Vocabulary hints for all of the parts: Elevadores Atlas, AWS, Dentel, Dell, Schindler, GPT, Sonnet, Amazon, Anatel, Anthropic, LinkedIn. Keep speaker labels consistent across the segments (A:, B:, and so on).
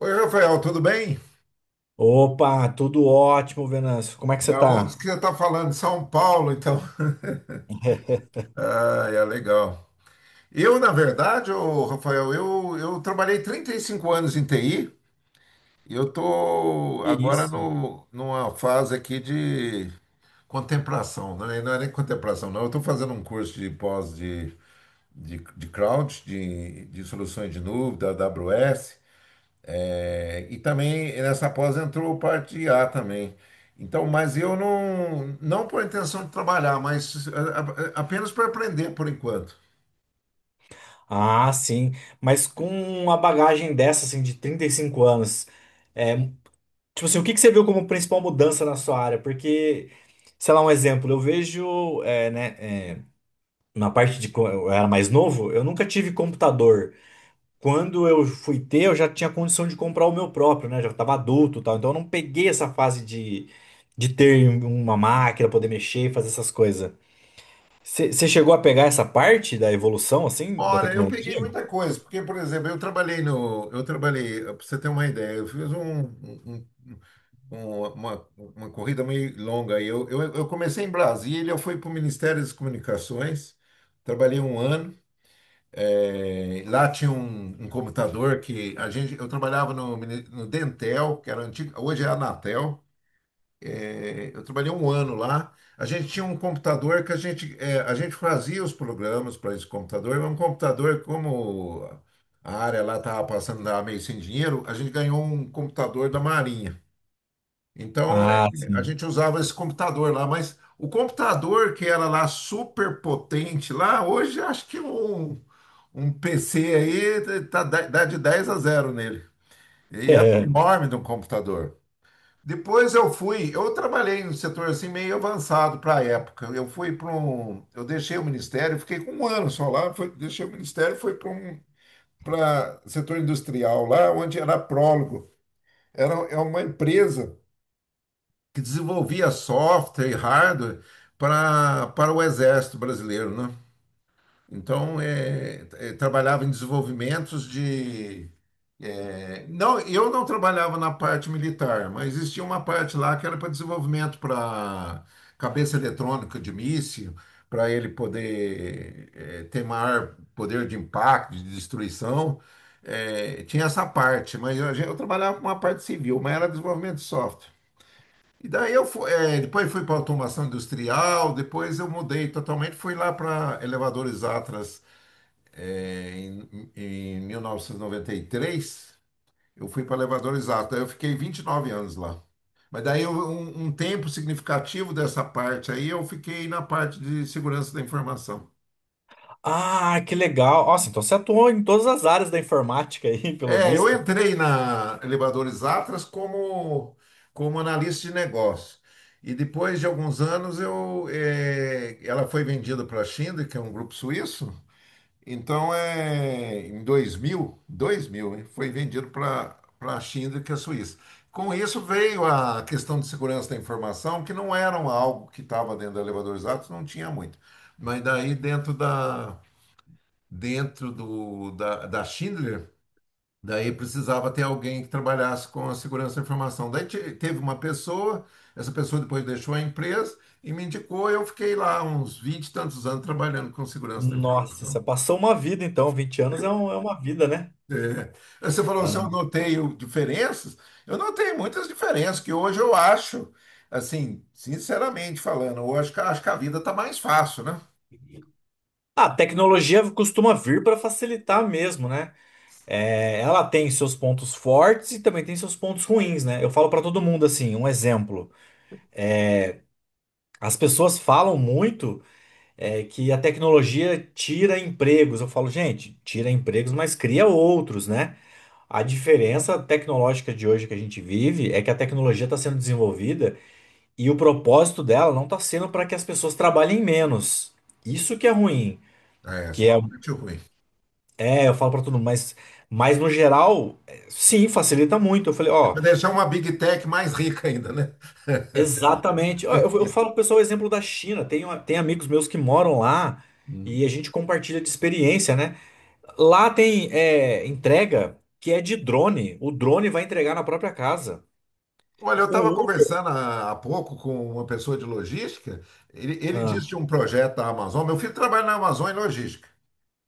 A: Oi, Rafael, tudo bem?
B: Opa, tudo ótimo, Venâncio. Como é que
A: De
B: você tá?
A: onde que você está falando? São Paulo, então. Ah, é legal. Eu, na verdade, ô, Rafael, eu trabalhei 35 anos em TI e eu estou
B: Que
A: agora
B: isso?
A: no, numa fase aqui de contemplação, né? Não é nem contemplação, não. Eu estou fazendo um curso de pós de cloud, de soluções de nuvem, da AWS. É, e também nessa pós entrou parte de A também. Então, mas eu não por intenção de trabalhar, mas apenas para aprender por enquanto.
B: Ah, sim. Mas com uma bagagem dessa, assim, de 35 anos, é, tipo assim, o que que você viu como principal mudança na sua área? Porque, sei lá, um exemplo, eu vejo, né, é, na parte de quando eu era mais novo, eu nunca tive computador. Quando eu fui ter, eu já tinha condição de comprar o meu próprio, né? Já estava adulto, e tal. Então eu não peguei essa fase de, de ter uma máquina, poder mexer e fazer essas coisas. Você chegou a pegar essa parte da evolução, assim, da
A: Olha, eu peguei
B: tecnologia?
A: muita coisa, porque, por exemplo, eu trabalhei no, eu trabalhei, para você ter uma ideia, eu fiz um- uma corrida meio longa aí. Eu comecei em Brasília, eu fui para o Ministério das Comunicações, trabalhei 1 ano. É, lá tinha um computador que a gente, eu trabalhava no Dentel, que era antigo, hoje é a Anatel. É, eu trabalhei 1 ano lá. A gente tinha um computador que a gente, é, a gente fazia os programas para esse computador. Era um computador como a área lá estava passando, tava meio sem dinheiro, a gente ganhou um computador da Marinha. Então é,
B: Ah,
A: a
B: sim.
A: gente usava esse computador lá, mas o computador que era lá super potente lá, hoje acho que um PC aí tá, dá de 10 a 0 nele. Enorme de um computador. Depois eu fui, eu trabalhei no setor assim meio avançado para a época. Eu fui para um, Eu deixei o ministério, fiquei com 1 ano só lá, foi, deixei o ministério, fui para setor industrial lá, onde era prólogo. É uma empresa que desenvolvia software e hardware para o exército brasileiro, né? Então, trabalhava em desenvolvimentos de... Não, eu não trabalhava na parte militar, mas existia uma parte lá que era para desenvolvimento para cabeça eletrônica de míssil, para ele poder ter maior poder de impacto, de destruição. Tinha essa parte, mas eu trabalhava com uma parte civil, mas era desenvolvimento de software. E daí eu fui, depois fui para automação industrial, depois eu mudei totalmente, fui lá para elevadores Atlas em 1993. Eu fui para elevador, exato. Aí eu fiquei 29 anos lá. Mas um, um tempo significativo dessa parte aí eu fiquei na parte de segurança da informação.
B: Ah, que legal. Nossa, então você atuou em todas as áreas da informática aí, pelo
A: É, eu
B: visto.
A: entrei na Elevadores Atlas como, como analista de negócio. E depois de alguns anos eu, ela foi vendida para a Schindler, que é um grupo suíço. Então, é, em 2000, hein, foi vendido para a Schindler, que é a Suíça. Com isso veio a questão de segurança da informação, que não era um algo que estava dentro da Elevadores Atos, não tinha muito. Mas daí dentro da Schindler, daí precisava ter alguém que trabalhasse com a segurança da informação. Teve uma pessoa, essa pessoa depois deixou a empresa e me indicou, eu fiquei lá uns 20 e tantos anos trabalhando com segurança da
B: Nossa, você
A: informação.
B: passou uma vida, então. 20 anos é, é uma vida, né?
A: É. Você falou
B: Dá
A: se eu
B: não.
A: noteio diferenças, eu notei muitas diferenças, que hoje eu acho, assim, sinceramente falando, eu acho acho que a vida está mais fácil, né?
B: Ah, a tecnologia costuma vir para facilitar mesmo, né? É, ela tem seus pontos fortes e também tem seus pontos ruins, né? Eu falo para todo mundo assim, um exemplo. As pessoas falam muito. É que a tecnologia tira empregos. Eu falo, gente, tira empregos, mas cria outros, né? A diferença tecnológica de hoje que a gente vive é que a tecnologia está sendo desenvolvida e o propósito dela não está sendo para que as pessoas trabalhem menos. Isso que é ruim,
A: É, essa
B: que
A: é
B: é,
A: uma parte ruim.
B: é, eu falo para todo mundo, mas no geral, é, sim, facilita muito. Eu falei,
A: É
B: ó,
A: para deixar uma Big Tech mais rica ainda, né?
B: exatamente. Ó, eu falo pro pessoal o exemplo da China. Tem amigos meus que moram lá e
A: Hum.
B: a gente compartilha de experiência, né? Lá tem entrega que é de drone. O drone vai entregar na própria casa.
A: Olha, eu
B: O
A: estava
B: Uber-
A: conversando há pouco com uma pessoa de logística, ele
B: Ah.
A: disse de um projeto da Amazon, meu filho trabalha na Amazon em logística.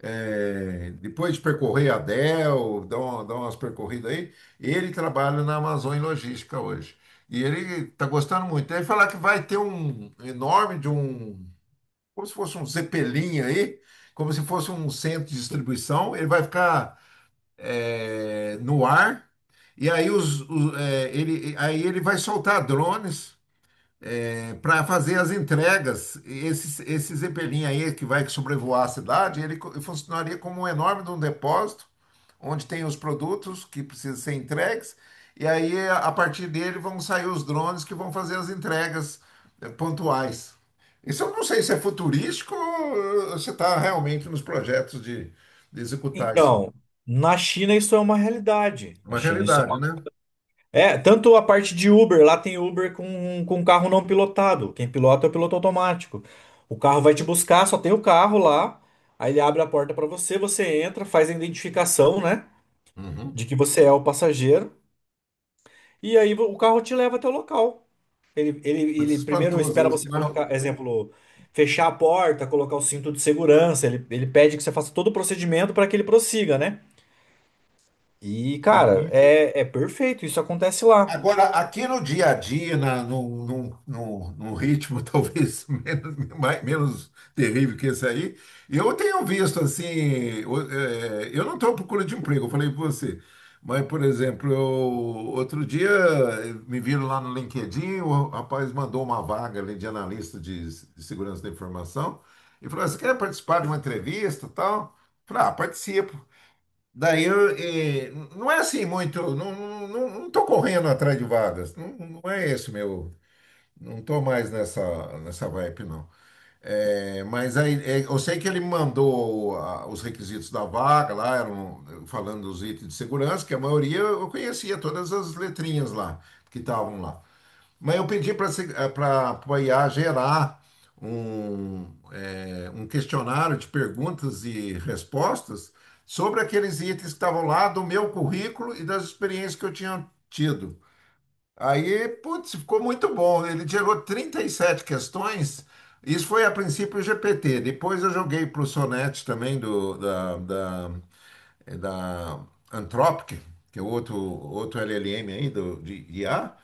A: É, depois de percorrer a Dell, dar umas percorridas aí, ele trabalha na Amazon em logística hoje. E ele está gostando muito. Ele fala que vai ter um enorme de um, como se fosse um Zeppelin aí, como se fosse um centro de distribuição. Ele vai ficar é, no ar. E aí, ele vai soltar drones para fazer as entregas, esse Zeppelin aí que vai sobrevoar a cidade, funcionaria como um enorme de um depósito, onde tem os produtos que precisam ser entregues, e aí a partir dele vão sair os drones que vão fazer as entregas pontuais. Isso eu não sei se é futurístico ou se está realmente nos projetos de executar isso.
B: Então, na China isso é uma realidade.
A: É
B: Na
A: uma
B: China isso é
A: realidade,
B: uma...
A: né?
B: É, tanto a parte de Uber, lá tem Uber com um carro não pilotado. Quem pilota é o piloto automático. O carro vai te buscar, só tem o carro lá. Aí ele abre a porta para você, você entra, faz a identificação, né,
A: Uhum.
B: de que você é o passageiro. E aí o carro te leva até o local. Ele, ele,
A: Muito
B: ele primeiro
A: espantoso
B: espera
A: isso,
B: você
A: né?
B: colocar, exemplo, fechar a porta, colocar o cinto de segurança. Ele pede que você faça todo o procedimento para que ele prossiga, né? E, cara,
A: Sim.
B: é perfeito. Isso acontece lá.
A: Agora, aqui no dia a dia, na, num, num, num, num ritmo talvez menos, menos terrível que esse aí, eu tenho visto assim, eu não estou à procura de emprego, eu falei para você, mas, por exemplo, eu, outro dia me viram lá no LinkedIn, o rapaz mandou uma vaga ali de analista de segurança da informação, e falou, você quer participar de uma entrevista e tal? Eu falei, ah, participo. Daí eu, não é assim muito, não tô correndo atrás de vagas, não, não é esse meu, não tô mais nessa vibe, não. Eu sei que ele me mandou os requisitos da vaga lá, eram falando dos itens de segurança, que a maioria eu conhecia todas as letrinhas lá, que estavam lá. Mas eu pedi para a IA gerar um, um questionário de perguntas e respostas sobre aqueles itens que estavam lá do meu currículo e das experiências que eu tinha tido. Aí, putz, ficou muito bom. Ele gerou 37 questões. Isso foi a princípio o GPT. Depois eu joguei para o Sonnet também, do, da, da, é, da Anthropic, que é outro, outro LLM aí de IA.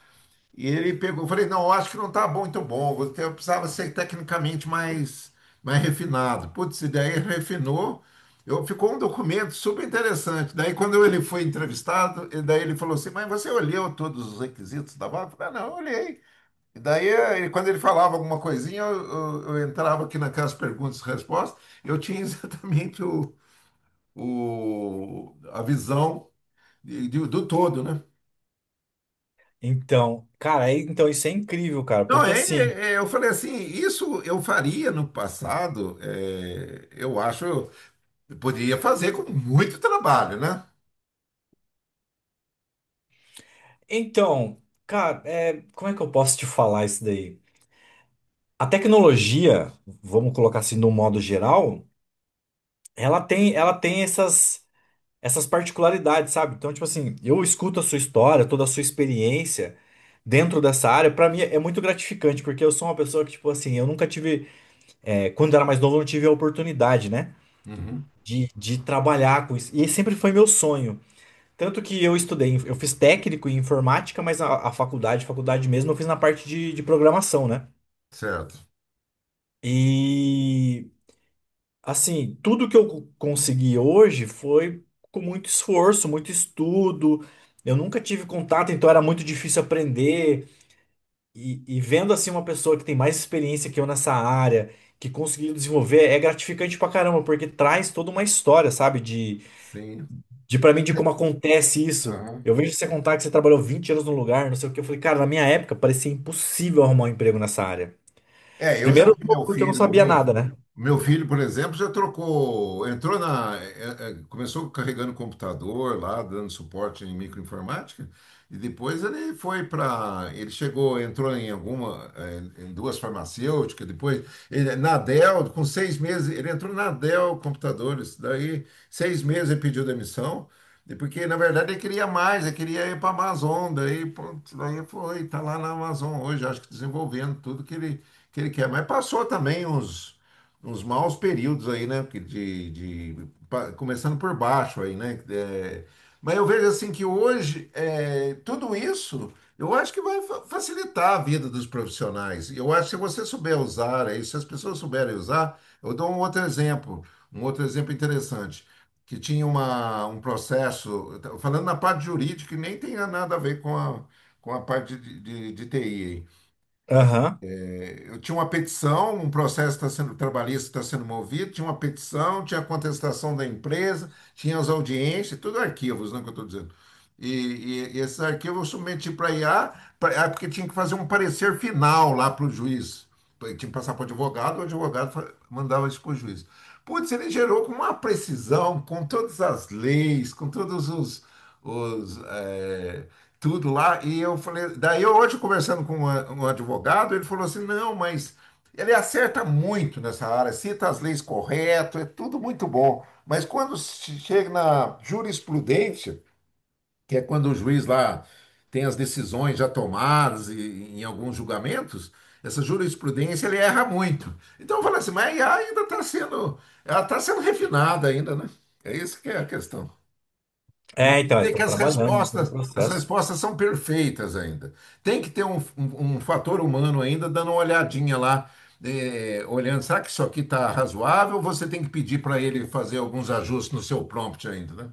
A: E ele pegou, eu falei, não, eu acho que não tá bom, então bom, você eu precisava ser tecnicamente mais refinado. Putz, e daí refinou, eu, ficou um documento super interessante. Daí quando ele foi entrevistado, e daí ele falou assim, mas você olhou todos os requisitos da vaga? Eu falei, ah, não, eu olhei. E daí, quando ele falava alguma coisinha, eu entrava aqui naquelas perguntas e respostas, eu tinha exatamente a visão do todo, né?
B: Então, cara, então isso é incrível, cara,
A: Não,
B: porque assim.
A: eu falei assim, isso eu faria no passado, é, eu acho, eu poderia fazer com muito trabalho, né?
B: Então, cara, é, como é que eu posso te falar isso daí? A tecnologia, vamos colocar assim, no modo geral, ela tem essas particularidades, sabe? Então, tipo assim, eu escuto a sua história, toda a sua experiência dentro dessa área, pra mim é muito gratificante, porque eu sou uma pessoa que, tipo assim, eu nunca tive, quando eu era mais novo, eu não tive a oportunidade, né?
A: Uhum.
B: De trabalhar com isso. E sempre foi meu sonho. Tanto que eu estudei, eu fiz técnico em informática, mas a faculdade, faculdade mesmo, eu fiz na parte de programação, né?
A: Certo.
B: E assim, tudo que eu consegui hoje foi com muito esforço, muito estudo. Eu nunca tive contato, então era muito difícil aprender. E vendo assim uma pessoa que tem mais experiência que eu nessa área, que conseguiu desenvolver, é gratificante pra caramba, porque traz toda uma história, sabe? De,
A: Sim.
B: de para mim, de como acontece isso.
A: Aham.
B: Eu vejo você contar que você trabalhou 20 anos num lugar, não sei o que. Eu falei, cara, na minha época parecia impossível arrumar um emprego nessa área.
A: É, eu já
B: Primeiro,
A: vi meu
B: porque eu não
A: filho,
B: sabia nada, né?
A: meu filho, por exemplo, já trocou, entrou começou carregando computador lá, dando suporte em microinformática, e depois ele foi para, ele chegou, entrou em alguma, é, em duas farmacêuticas, depois ele, na Dell, com 6 meses, ele entrou na Dell Computadores, daí 6 meses ele pediu demissão, e porque na verdade ele queria mais, ele queria ir para a Amazon, daí, pronto, daí foi, está lá na Amazon hoje, acho que desenvolvendo tudo que ele quer, mas passou também uns maus períodos aí, né? que de- pa- Começando por baixo aí, né? É, mas eu vejo assim que hoje é, tudo isso eu acho que facilitar a vida dos profissionais. Eu acho que se você souber usar aí, se as pessoas souberem usar, eu dou um outro exemplo interessante. Que tinha um processo, eu tô falando na parte jurídica, que nem tem nada a ver com a parte de TI. Aí
B: Aham.
A: eu tinha uma petição, um processo está sendo trabalhista, está sendo movido, tinha uma petição, tinha a contestação da empresa, tinha as audiências, tudo arquivos, não é que eu estou dizendo. E esses arquivos eu submeti para IA, porque tinha que fazer um parecer final lá para o juiz. Tinha que passar para o advogado, mandava isso para o juiz. Putz, ele gerou com uma precisão, com todas as leis, com todos os, é, tudo lá. E eu falei, daí eu hoje conversando com um advogado, ele falou assim: não, mas ele acerta muito nessa área, cita as leis correto, é tudo muito bom. Mas quando se chega na jurisprudência, que é quando o juiz lá tem as decisões já tomadas e, em alguns julgamentos, essa jurisprudência ele erra muito. Então eu falo assim, mas a IA ainda está sendo, ela está sendo refinada ainda, né? É isso que é a questão. Não
B: É, então, eles
A: tem que
B: estão trabalhando em todo o
A: as
B: processo.
A: respostas são perfeitas ainda. Tem que ter um fator humano ainda dando uma olhadinha lá, olhando, será que isso aqui está razoável? Você tem que pedir para ele fazer alguns ajustes no seu prompt ainda, né?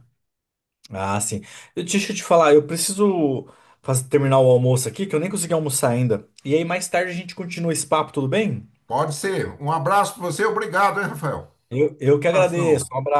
B: Ah, sim. Deixa eu te falar, eu preciso terminar o almoço aqui, que eu nem consegui almoçar ainda. E aí, mais tarde, a gente continua esse papo, tudo bem?
A: Pode ser. Um abraço para você, obrigado, hein, Rafael?
B: Eu que agradeço.
A: Abração.
B: Um abraço.